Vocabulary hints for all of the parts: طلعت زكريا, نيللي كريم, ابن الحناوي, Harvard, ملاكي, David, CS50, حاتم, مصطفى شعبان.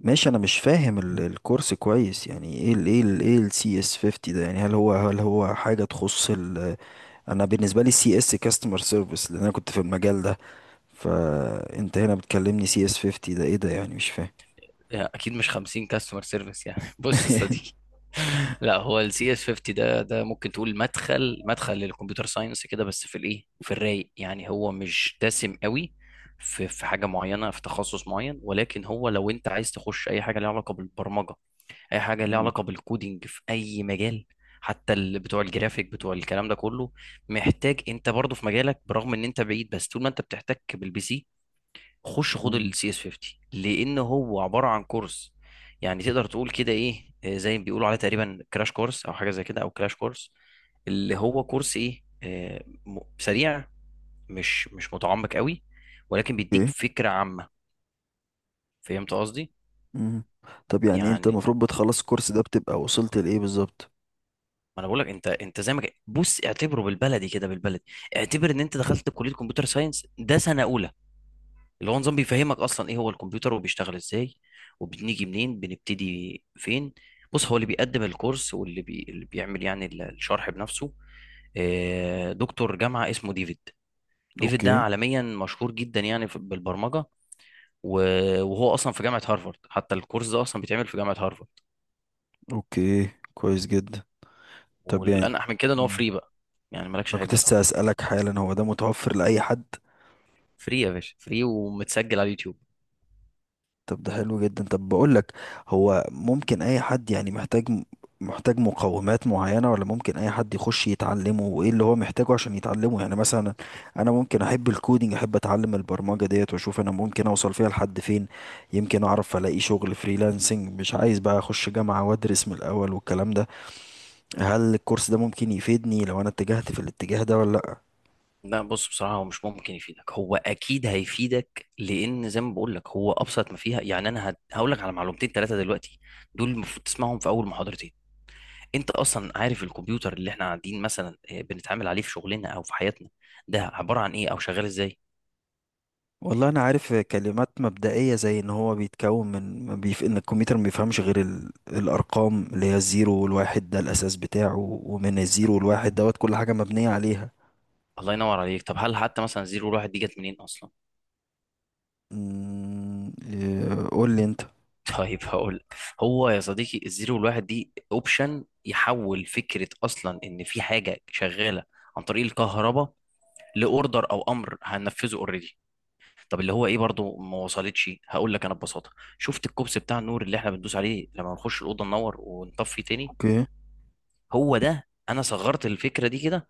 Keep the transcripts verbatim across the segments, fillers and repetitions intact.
ماشي. انا مش فاهم ال- الكورس كويس، يعني ايه ال ايه ال ايه السي اس خمسين ده. يعني هل هو هل هو حاجه تخص ال... انا بالنسبه لي، سي اس كاستمر سيرفيس، لان انا كنت في المجال ده. فانت هنا بتكلمني سي اس خمسين ده ايه ده؟ يعني مش فاهم. يعني اكيد مش خمسين كاستمر سيرفيس، يعني بص يا صديقي. لا، هو السي اس خمسين ده ده ممكن تقول مدخل مدخل للكمبيوتر ساينس كده، بس في الايه، في الرايق يعني، هو مش دسم قوي في في حاجه معينه في تخصص معين، ولكن هو لو انت عايز تخش اي حاجه ليها علاقه بالبرمجه، اي حاجه ليها مم. علاقه بالكودينج في اي مجال، حتى اللي بتوع الجرافيك، بتوع الكلام ده كله، محتاج انت برضه في مجالك. برغم ان انت بعيد، بس طول ما انت بتحتك بالبي سي، خش خد مم. السي اس خمسين، لان هو عباره عن كورس، يعني تقدر تقول كده ايه، آه، زي ما بيقولوا عليه تقريبا كراش كورس، او حاجه زي كده، او كراش كورس، اللي هو كورس ايه، آه، م- سريع، مش مش متعمق قوي، ولكن بيديك اوكي. فكره عامه. فهمت قصدي؟ مم. طب يعني انت يعني المفروض بتخلص الكورس ده بتبقى وصلت لايه بالظبط؟ ما انا بقول لك، انت انت زي ما ك- بص اعتبره بالبلدي كده، بالبلدي اعتبر ان انت دخلت كليه كمبيوتر ساينس، ده سنه اولى، اللي هو نظام بيفهمك اصلا ايه هو الكمبيوتر، وبيشتغل ازاي، وبنيجي منين، بنبتدي فين. بص، هو اللي بيقدم الكورس واللي بي... اللي بيعمل يعني ال- الشرح بنفسه، آه، دكتور جامعة اسمه ديفيد. ديفيد ده اوكي. عالميا مشهور جدا يعني في- بالبرمجة. و- وهو اصلا في جامعة هارفارد، حتى الكورس ده اصلا بيتعمل في جامعة هارفارد. اوكي، كويس جدا. طب يعني... والانجح من كده ان هو مم. فري بقى، يعني مالكش انا حاجة كنت يا لسه صاحبي، اسالك حالا، هو ده متوفر لاي حد؟ فري يا باشا، فري ومتسجل على اليوتيوب. طب ده حلو جدا. طب بقول لك، هو ممكن اي حد؟ يعني محتاج محتاج مقومات معينة، ولا ممكن اي حد يخش يتعلمه؟ وايه اللي هو محتاجه عشان يتعلمه؟ يعني مثلا انا ممكن احب الكودينج، احب اتعلم البرمجة ديت، واشوف انا ممكن اوصل فيها لحد فين. يمكن اعرف الاقي شغل فريلانسنج، مش عايز بقى اخش جامعة وادرس من الاول والكلام ده. هل الكورس ده ممكن يفيدني لو انا اتجهت في الاتجاه ده ولا لا؟ لا، بص بصراحة، هو مش ممكن يفيدك، هو أكيد هيفيدك، لأن زي ما بقول لك هو أبسط ما فيها، يعني أنا هقول لك على معلومتين ثلاثة دلوقتي دول المفروض تسمعهم في أول محاضرتين. أنت أصلا عارف الكمبيوتر اللي إحنا قاعدين مثلا آه، بنتعامل عليه في شغلنا أو في حياتنا، ده عبارة عن إيه أو شغال إزاي؟ والله انا عارف كلمات مبدئيه، زي ان هو بيتكون من ما بيف... ان الكمبيوتر ما بيفهمش غير ال... الارقام، اللي هي الزيرو والواحد، ده الاساس بتاعه. ومن الزيرو والواحد دوت كل حاجه مبنيه عليها. الله ينور عليك. طب هل حتى مثلا الزيرو والواحد دي جت منين أصلا؟ أمم، إيه، قول لي انت. طيب هقول لك. هو يا صديقي، الزيرو والواحد دي أوبشن يحول فكرة أصلا إن في حاجة شغالة عن طريق الكهرباء، لأوردر أو أمر هننفذه أوريدي. طب اللي هو ايه؟ برضو ما وصلتش، هقول لك انا ببساطه. شفت الكوبس بتاع النور اللي احنا بندوس عليه لما نخش الاوضه ننور ونطفي تاني؟ اوكي. هو ده. انا صغرت الفكره دي كده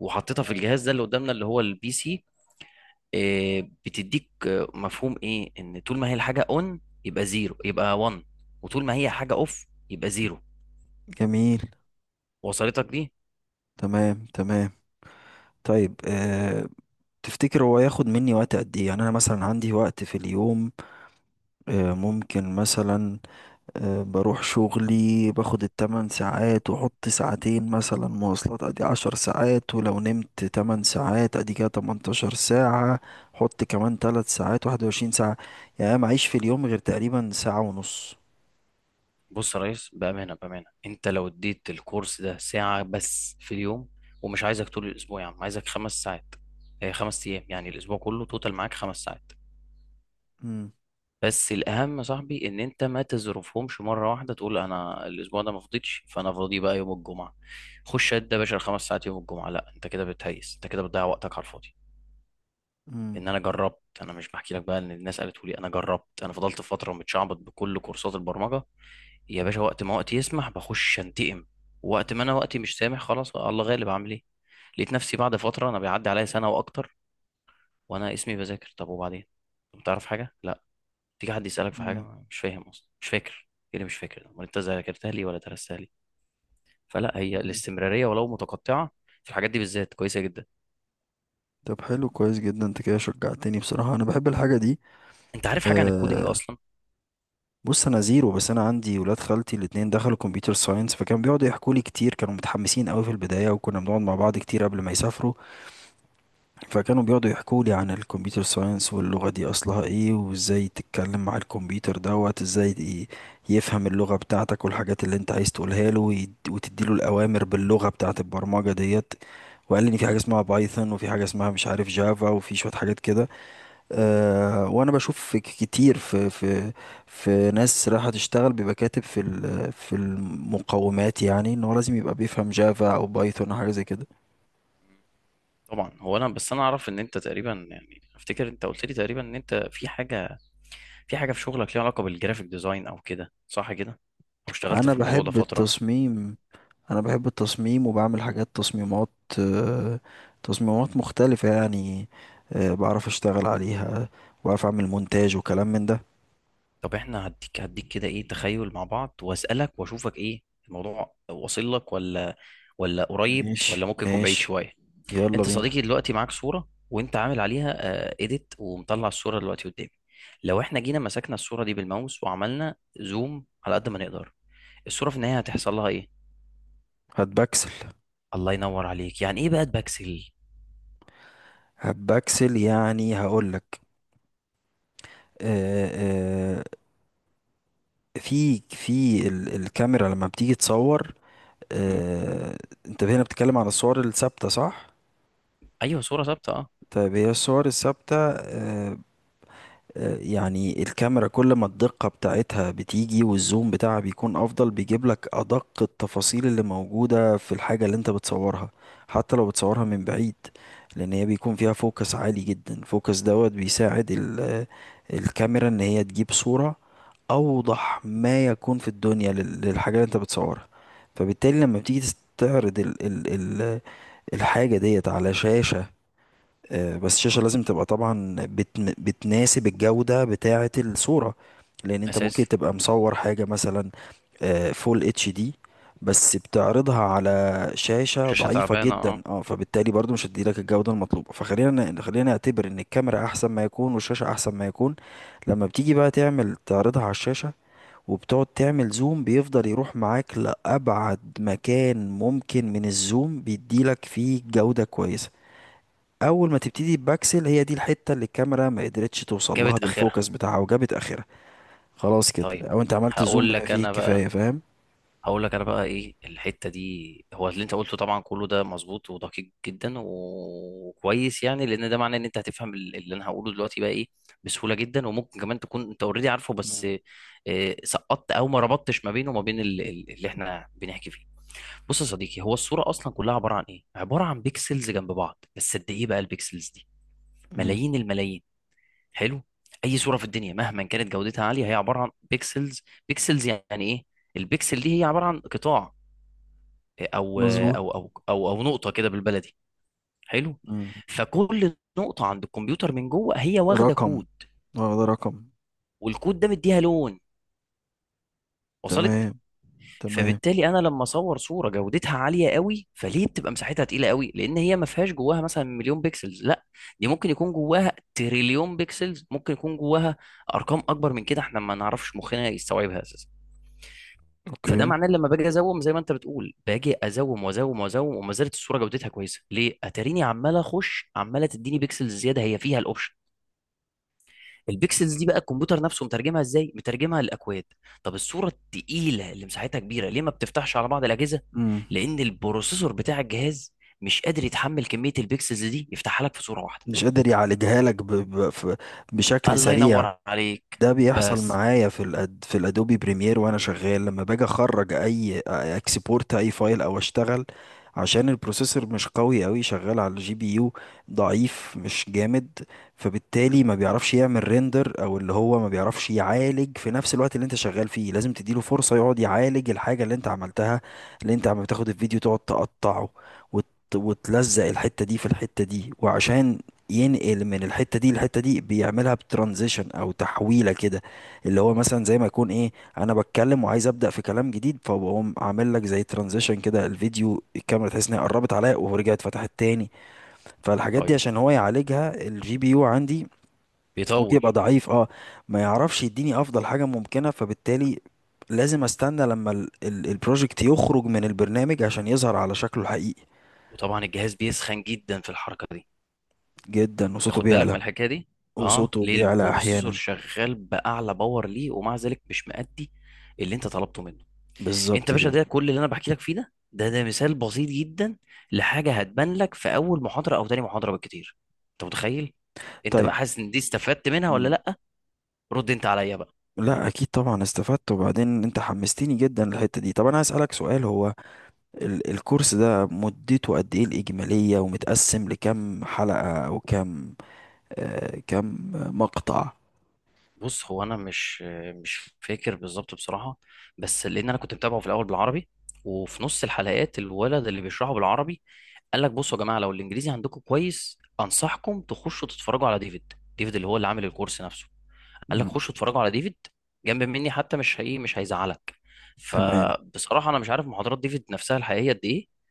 وحطيتها في الجهاز ده اللي قدامنا، اللي هو البي سي. إيه بتديك؟ آه، مفهوم ايه ان طول ما هي الحاجه اون يبقى زيرو، يبقى واحد، وطول ما هي حاجه اوف يبقى زيرو. جميل. وصلتك دي؟ تمام، تمام. طيب. أه... تفتكر هو ياخد مني وقت قد ايه؟ يعني انا مثلا عندي وقت في اليوم. أه... ممكن مثلا. أه بروح شغلي، باخد التمن ساعات، وحط ساعتين مثلا مواصلات، ادي عشر ساعات. ولو نمت تمن ساعات، ادي كده تمنتاشر ساعة. حط كمان تلت ساعات، واحد وعشرين ساعة. يعني أنا معيش في اليوم غير تقريبا ساعة ونص. بص يا ريس، بأمانة بأمانة، أنت لو اديت الكورس ده ساعة بس في اليوم، ومش عايزك طول الأسبوع يا عم، عايزك خمس ساعات، هي خمس أيام يعني، الأسبوع كله توتال معاك خمس ساعات. مم. بس الأهم يا صاحبي إن أنت ما تظرفهمش مرة واحدة، تقول أنا الأسبوع ده ما فضيتش، فأنا فاضي بقى يوم الجمعة، خش قد يا باشا الخمس ساعات يوم الجمعة. لا، أنت كده بتهيس، أنت كده بتضيع وقتك على الفاضي. مم. ان انا جربت، انا مش بحكي لك بقى ان الناس قالت لي، انا جربت. انا فضلت فتره متشعبط بكل كورسات البرمجه يا باشا، وقت ما وقتي يسمح بخش انتقم، وقت ما انا وقتي مش سامح خلاص الله غالب اعمل ايه. لقيت نفسي بعد فتره انا بيعدي عليا سنه واكتر وانا اسمي بذاكر. طب وبعدين؟ طب تعرف حاجه؟ لا. تيجي حد يسالك في حاجه، مم. مش فاهم اصلا، مش فاكر. ايه اللي مش فاكر ده؟ امال انت ذاكرتها لي ولا درستها لي؟ فلا، هي مم. الاستمراريه ولو متقطعه في الحاجات دي بالذات كويسه جدا. طب حلو، كويس جدا، انت كده شجعتني. بصراحة انا بحب الحاجة دي. انت عارف حاجه عن الكودينج أه. اصلا؟ بص، انا زيرو. بس انا عندي ولاد خالتي الاتنين دخلوا كمبيوتر ساينس، فكانوا بيقعدوا يحكوا لي كتير. كانوا متحمسين قوي في البداية، وكنا بنقعد مع بعض كتير قبل ما يسافروا. فكانوا بيقعدوا يحكوا لي عن الكمبيوتر ساينس، واللغة دي أصلها إيه، وإزاي تتكلم مع الكمبيوتر دوت إزاي ي- يفهم اللغة بتاعتك والحاجات اللي أنت عايز تقولها له، ويد- وتديله الأوامر باللغة بتاعت البرمجة ديت. وقال لي إن في حاجة مم. اسمها بايثون، وفي حاجة اسمها مش عارف جافا، وفي شوية حاجات كده. أه وأنا بشوف في ك- كتير في في في ناس رايحة تشتغل، بيبقى كاتب في ال- في المقومات، يعني إن هو لازم يبقى بيفهم جافا أو بايثون أو حاجة زي كده. طبعا، هو انا، بس انا اعرف ان انت تقريبا، يعني افتكر انت قلت لي تقريبا ان انت في حاجه في حاجه في شغلك ليها علاقه بالجرافيك ديزاين او كده، صح كده؟ او اشتغلت أنا في الموضوع ده بحب فتره. التصميم انا بحب التصميم وبعمل حاجات، تصميمات. آه. تصميمات مختلفة يعني. آه، بعرف اشتغل عليها، وبعرف اعمل مونتاج وكلام من ده. طب احنا هديك هديك كده ايه، تخيل مع بعض، واسالك واشوفك ايه الموضوع واصل لك، ولا ولا قريب، ماشي، ولا ممكن يكون بعيد ماشي. شويه. يلا انت بينا. صديقي دلوقتي معاك صوره وانت عامل عليها اديت، ومطلع الصوره دلوقتي قدامي. لو احنا جينا مسكنا الصوره دي بالماوس وعملنا زوم على قد ما نقدر، الصوره في النهايه هتحصل لها ايه؟ هات بكسل. الله ينور عليك. يعني ايه بقى باكسل؟ هات بكسل، يعني هقولك. آه، آه، في في ال- الكاميرا لما بتيجي تصور، آه، انت هنا بتتكلم عن الصور الثابتة، صح؟ ايوه، صورة ثابتة، اه. طيب، هي الصور الثابتة، آه، آه، يعني الكاميرا كل ما الدقة بتاعتها بتيجي والزوم بتاعها بيكون أفضل، بيجيب لك أدق التفاصيل اللي موجودة في الحاجة اللي أنت بتصورها، حتى لو بتصورها من بعيد، لأن هي بيكون فيها فوكس عالي جدا. فوكس دوت بيساعد ال- آه، الكاميرا إن هي تجيب صورة أوضح ما يكون في الدنيا لل- للحاجة اللي أنت بتصورها. فبالتالي لما بتيجي تستعرض ال ال ال الحاجة ديت على شاشة، آه، بس الشاشة لازم تبقى طبعا بت... بتناسب الجودة بتاعة الصورة. لأن أنت ممكن اساسي. تبقى مصور حاجة مثلا آه، فول اتش دي، بس بتعرضها على شاشة شاشة ضعيفة تعبانة، اه. جدا. اه، فبالتالي برضو مش هتدي لك الجودة المطلوبة. فخلينا ن- خلينا نعتبر ان الكاميرا احسن ما يكون والشاشة احسن ما يكون. لما بتيجي بقى تعمل، تعرضها على الشاشة، وبتقعد تعمل زوم، بيفضل يروح معاك لأبعد مكان ممكن من الزوم بيديلك فيه جودة كويسة. اول ما تبتدي بباكسل، هي دي الحته اللي الكاميرا ما قدرتش توصل لها جابت اخرها. بالفوكس بتاعها وجابت اخرها. خلاص كده، طيب. او انت عملت زوم هقول بما لك فيه انا بقى الكفايه، فاهم؟ هقول لك انا بقى ايه الحتة دي. هو اللي انت قلته طبعا كله ده مظبوط ودقيق جدا وكويس، يعني لان ده معناه ان انت هتفهم ال- اللي انا هقوله دلوقتي بقى ايه بسهولة جدا، وممكن كمان تكون انت اوريدي عارفه، بس مم. آه، سقطت، او ما ربطتش ما بينه وما بين ال- ال- اللي احنا بنحكي فيه. بص يا صديقي، هو الصورة أصلا كلها عبارة عن إيه؟ عبارة عن بيكسلز جنب بعض. بس قد إيه بقى البيكسلز دي؟ مم. ملايين الملايين. حلو؟ أي صورة في الدنيا مهما كانت جودتها عالية هي عبارة عن بيكسلز. بيكسلز يعني إيه؟ البيكسل دي هي عبارة عن قطاع، أو مظبوط. أو أو أو, أو نقطة كده بالبلدي. حلو؟ مم. فكل نقطة عند الكمبيوتر من جوه هي واخدة رقم. كود. اه، ده رقم. والكود ده مديها لون. وصلت؟ تمام، تمام. فبالتالي انا لما اصور صوره جودتها عاليه قوي، فليه بتبقى مساحتها تقيله قوي؟ لان هي ما فيهاش جواها مثلا مليون بيكسلز، لا، دي ممكن يكون جواها تريليون بيكسلز، ممكن يكون جواها ارقام اكبر من كده احنا ما نعرفش مخنا يستوعبها اساسا. فده اوكي. معناه لما باجي ازوم زي ما انت بتقول، باجي ازوم وازوم وازوم وما زالت الصوره جودتها كويسه، ليه؟ اتاريني عمال اخش عماله تديني بيكسلز زياده، هي فيها الاوبشن. البيكسلز دي بقى الكمبيوتر نفسه مترجمها ازاي؟ مترجمها لاكواد. طب الصوره التقيله اللي مساحتها كبيره، ليه ما بتفتحش على بعض الاجهزه؟ مم. لان البروسيسور بتاع الجهاز مش قادر يتحمل كميه البيكسلز دي يفتحها لك في صوره واحده. مش قادر يعالجها لك ب... ب... ف- بشكل الله سريع. ينور عليك. ده بيحصل بس معايا في الأد... في الادوبي بريمير، وانا شغال، لما باجي اخرج اي اكسبورت، اي فايل او اشتغل، عشان البروسيسور مش قوي قوي، شغال على الجي بي يو ضعيف، مش جامد، فبالتالي ما بيعرفش يعمل ريندر، او اللي هو ما بيعرفش يعالج في نفس الوقت اللي انت شغال فيه. لازم تديله فرصة يقعد يعالج الحاجة اللي انت عملتها، اللي انت عم بتاخد الفيديو تقعد تقطعه، وت... وتلزق الحتة دي في الحتة دي، وعشان ينقل من الحتة دي للحتة دي بيعملها بترانزيشن، او تحويلة كده، اللي هو مثلا زي ما يكون، ايه، انا بتكلم وعايز ابدأ في كلام جديد، فبقوم عامل لك زي ترانزيشن كده، الفيديو الكاميرا تحس انها قربت عليا ورجعت فتحت تاني. فالحاجات دي طيب. عشان هو يعالجها، الجي بي يو عندي ممكن بيطول. يبقى ضعيف، اه، ما يعرفش يديني افضل حاجة ممكنة، فبالتالي لازم استنى لما ال- ال- البروجكت يخرج من البرنامج عشان يظهر على شكله الحقيقي. وطبعا الجهاز بيسخن جدا في الحركه دي. جدا، وصوته ياخد بالك بيعلى. من الحكايه دي، اه. وصوته ليه بيعلى البروسيسور احيانا. شغال باعلى باور، ليه ومع ذلك مش مأدي اللي انت طلبته منه؟ انت يا بالظبط باشا، كده. ده كل اللي انا بحكي لك فيه ده ده ده مثال بسيط جدا لحاجه هتبان لك في اول محاضره او تاني محاضره بالكتير. انت متخيل؟ انت طيب. بقى حاسس ان دي استفدت منها ولا مم. لا؟ رد انت عليا بقى. لا، اكيد طبعا استفدت. وبعدين انت حمستني جدا للحته دي. طب انا هسألك سؤال، هو ال الكورس ده مدته قد ايه الاجماليه، ومتقسم لكم حلقه او كم آه كم مقطع؟ بص، هو انا مش مش فاكر بالظبط بصراحه، بس لان انا كنت متابعه في الاول بالعربي، وفي نص الحلقات الولد اللي بيشرحه بالعربي قال لك بصوا يا جماعه، لو الانجليزي عندكم كويس انصحكم تخشوا تتفرجوا على ديفيد، ديفيد اللي هو اللي عامل الكورس نفسه. قال لك مم. خشوا اتفرجوا على ديفيد، جنب مني حتى، مش هي مش هيزعلك. تمام. فبصراحه انا مش عارف محاضرات ديفيد نفسها الحقيقيه قد ايه،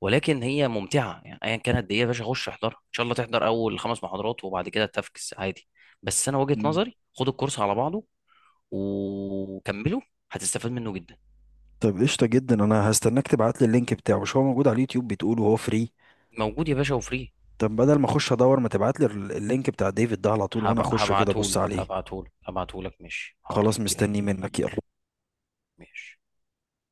ولكن هي ممتعه، يعني ايا كانت قد ايه يا باشا، خش احضرها، ان شاء الله تحضر اول خمس محاضرات وبعد كده تفكس عادي. بس انا وجهه مم. نظري، خد الكورس على بعضه وكمله، هتستفاد منه جدا. طب قشطه جدا، انا هستناك تبعت لي اللينك بتاعه. مش هو موجود على اليوتيوب بتقول وهو فري؟ موجود يا باشا وفري. طب بدل ما اخش ادور، ما تبعت لي ال- اللينك بتاع ديفيد ده على طول وانا هب- اخش كده ابص هبعتهولك عليه. هبعتهولك هبعتهولك ماشي، خلاص، حاضر، يلا. مستني منك، يلا. ماشي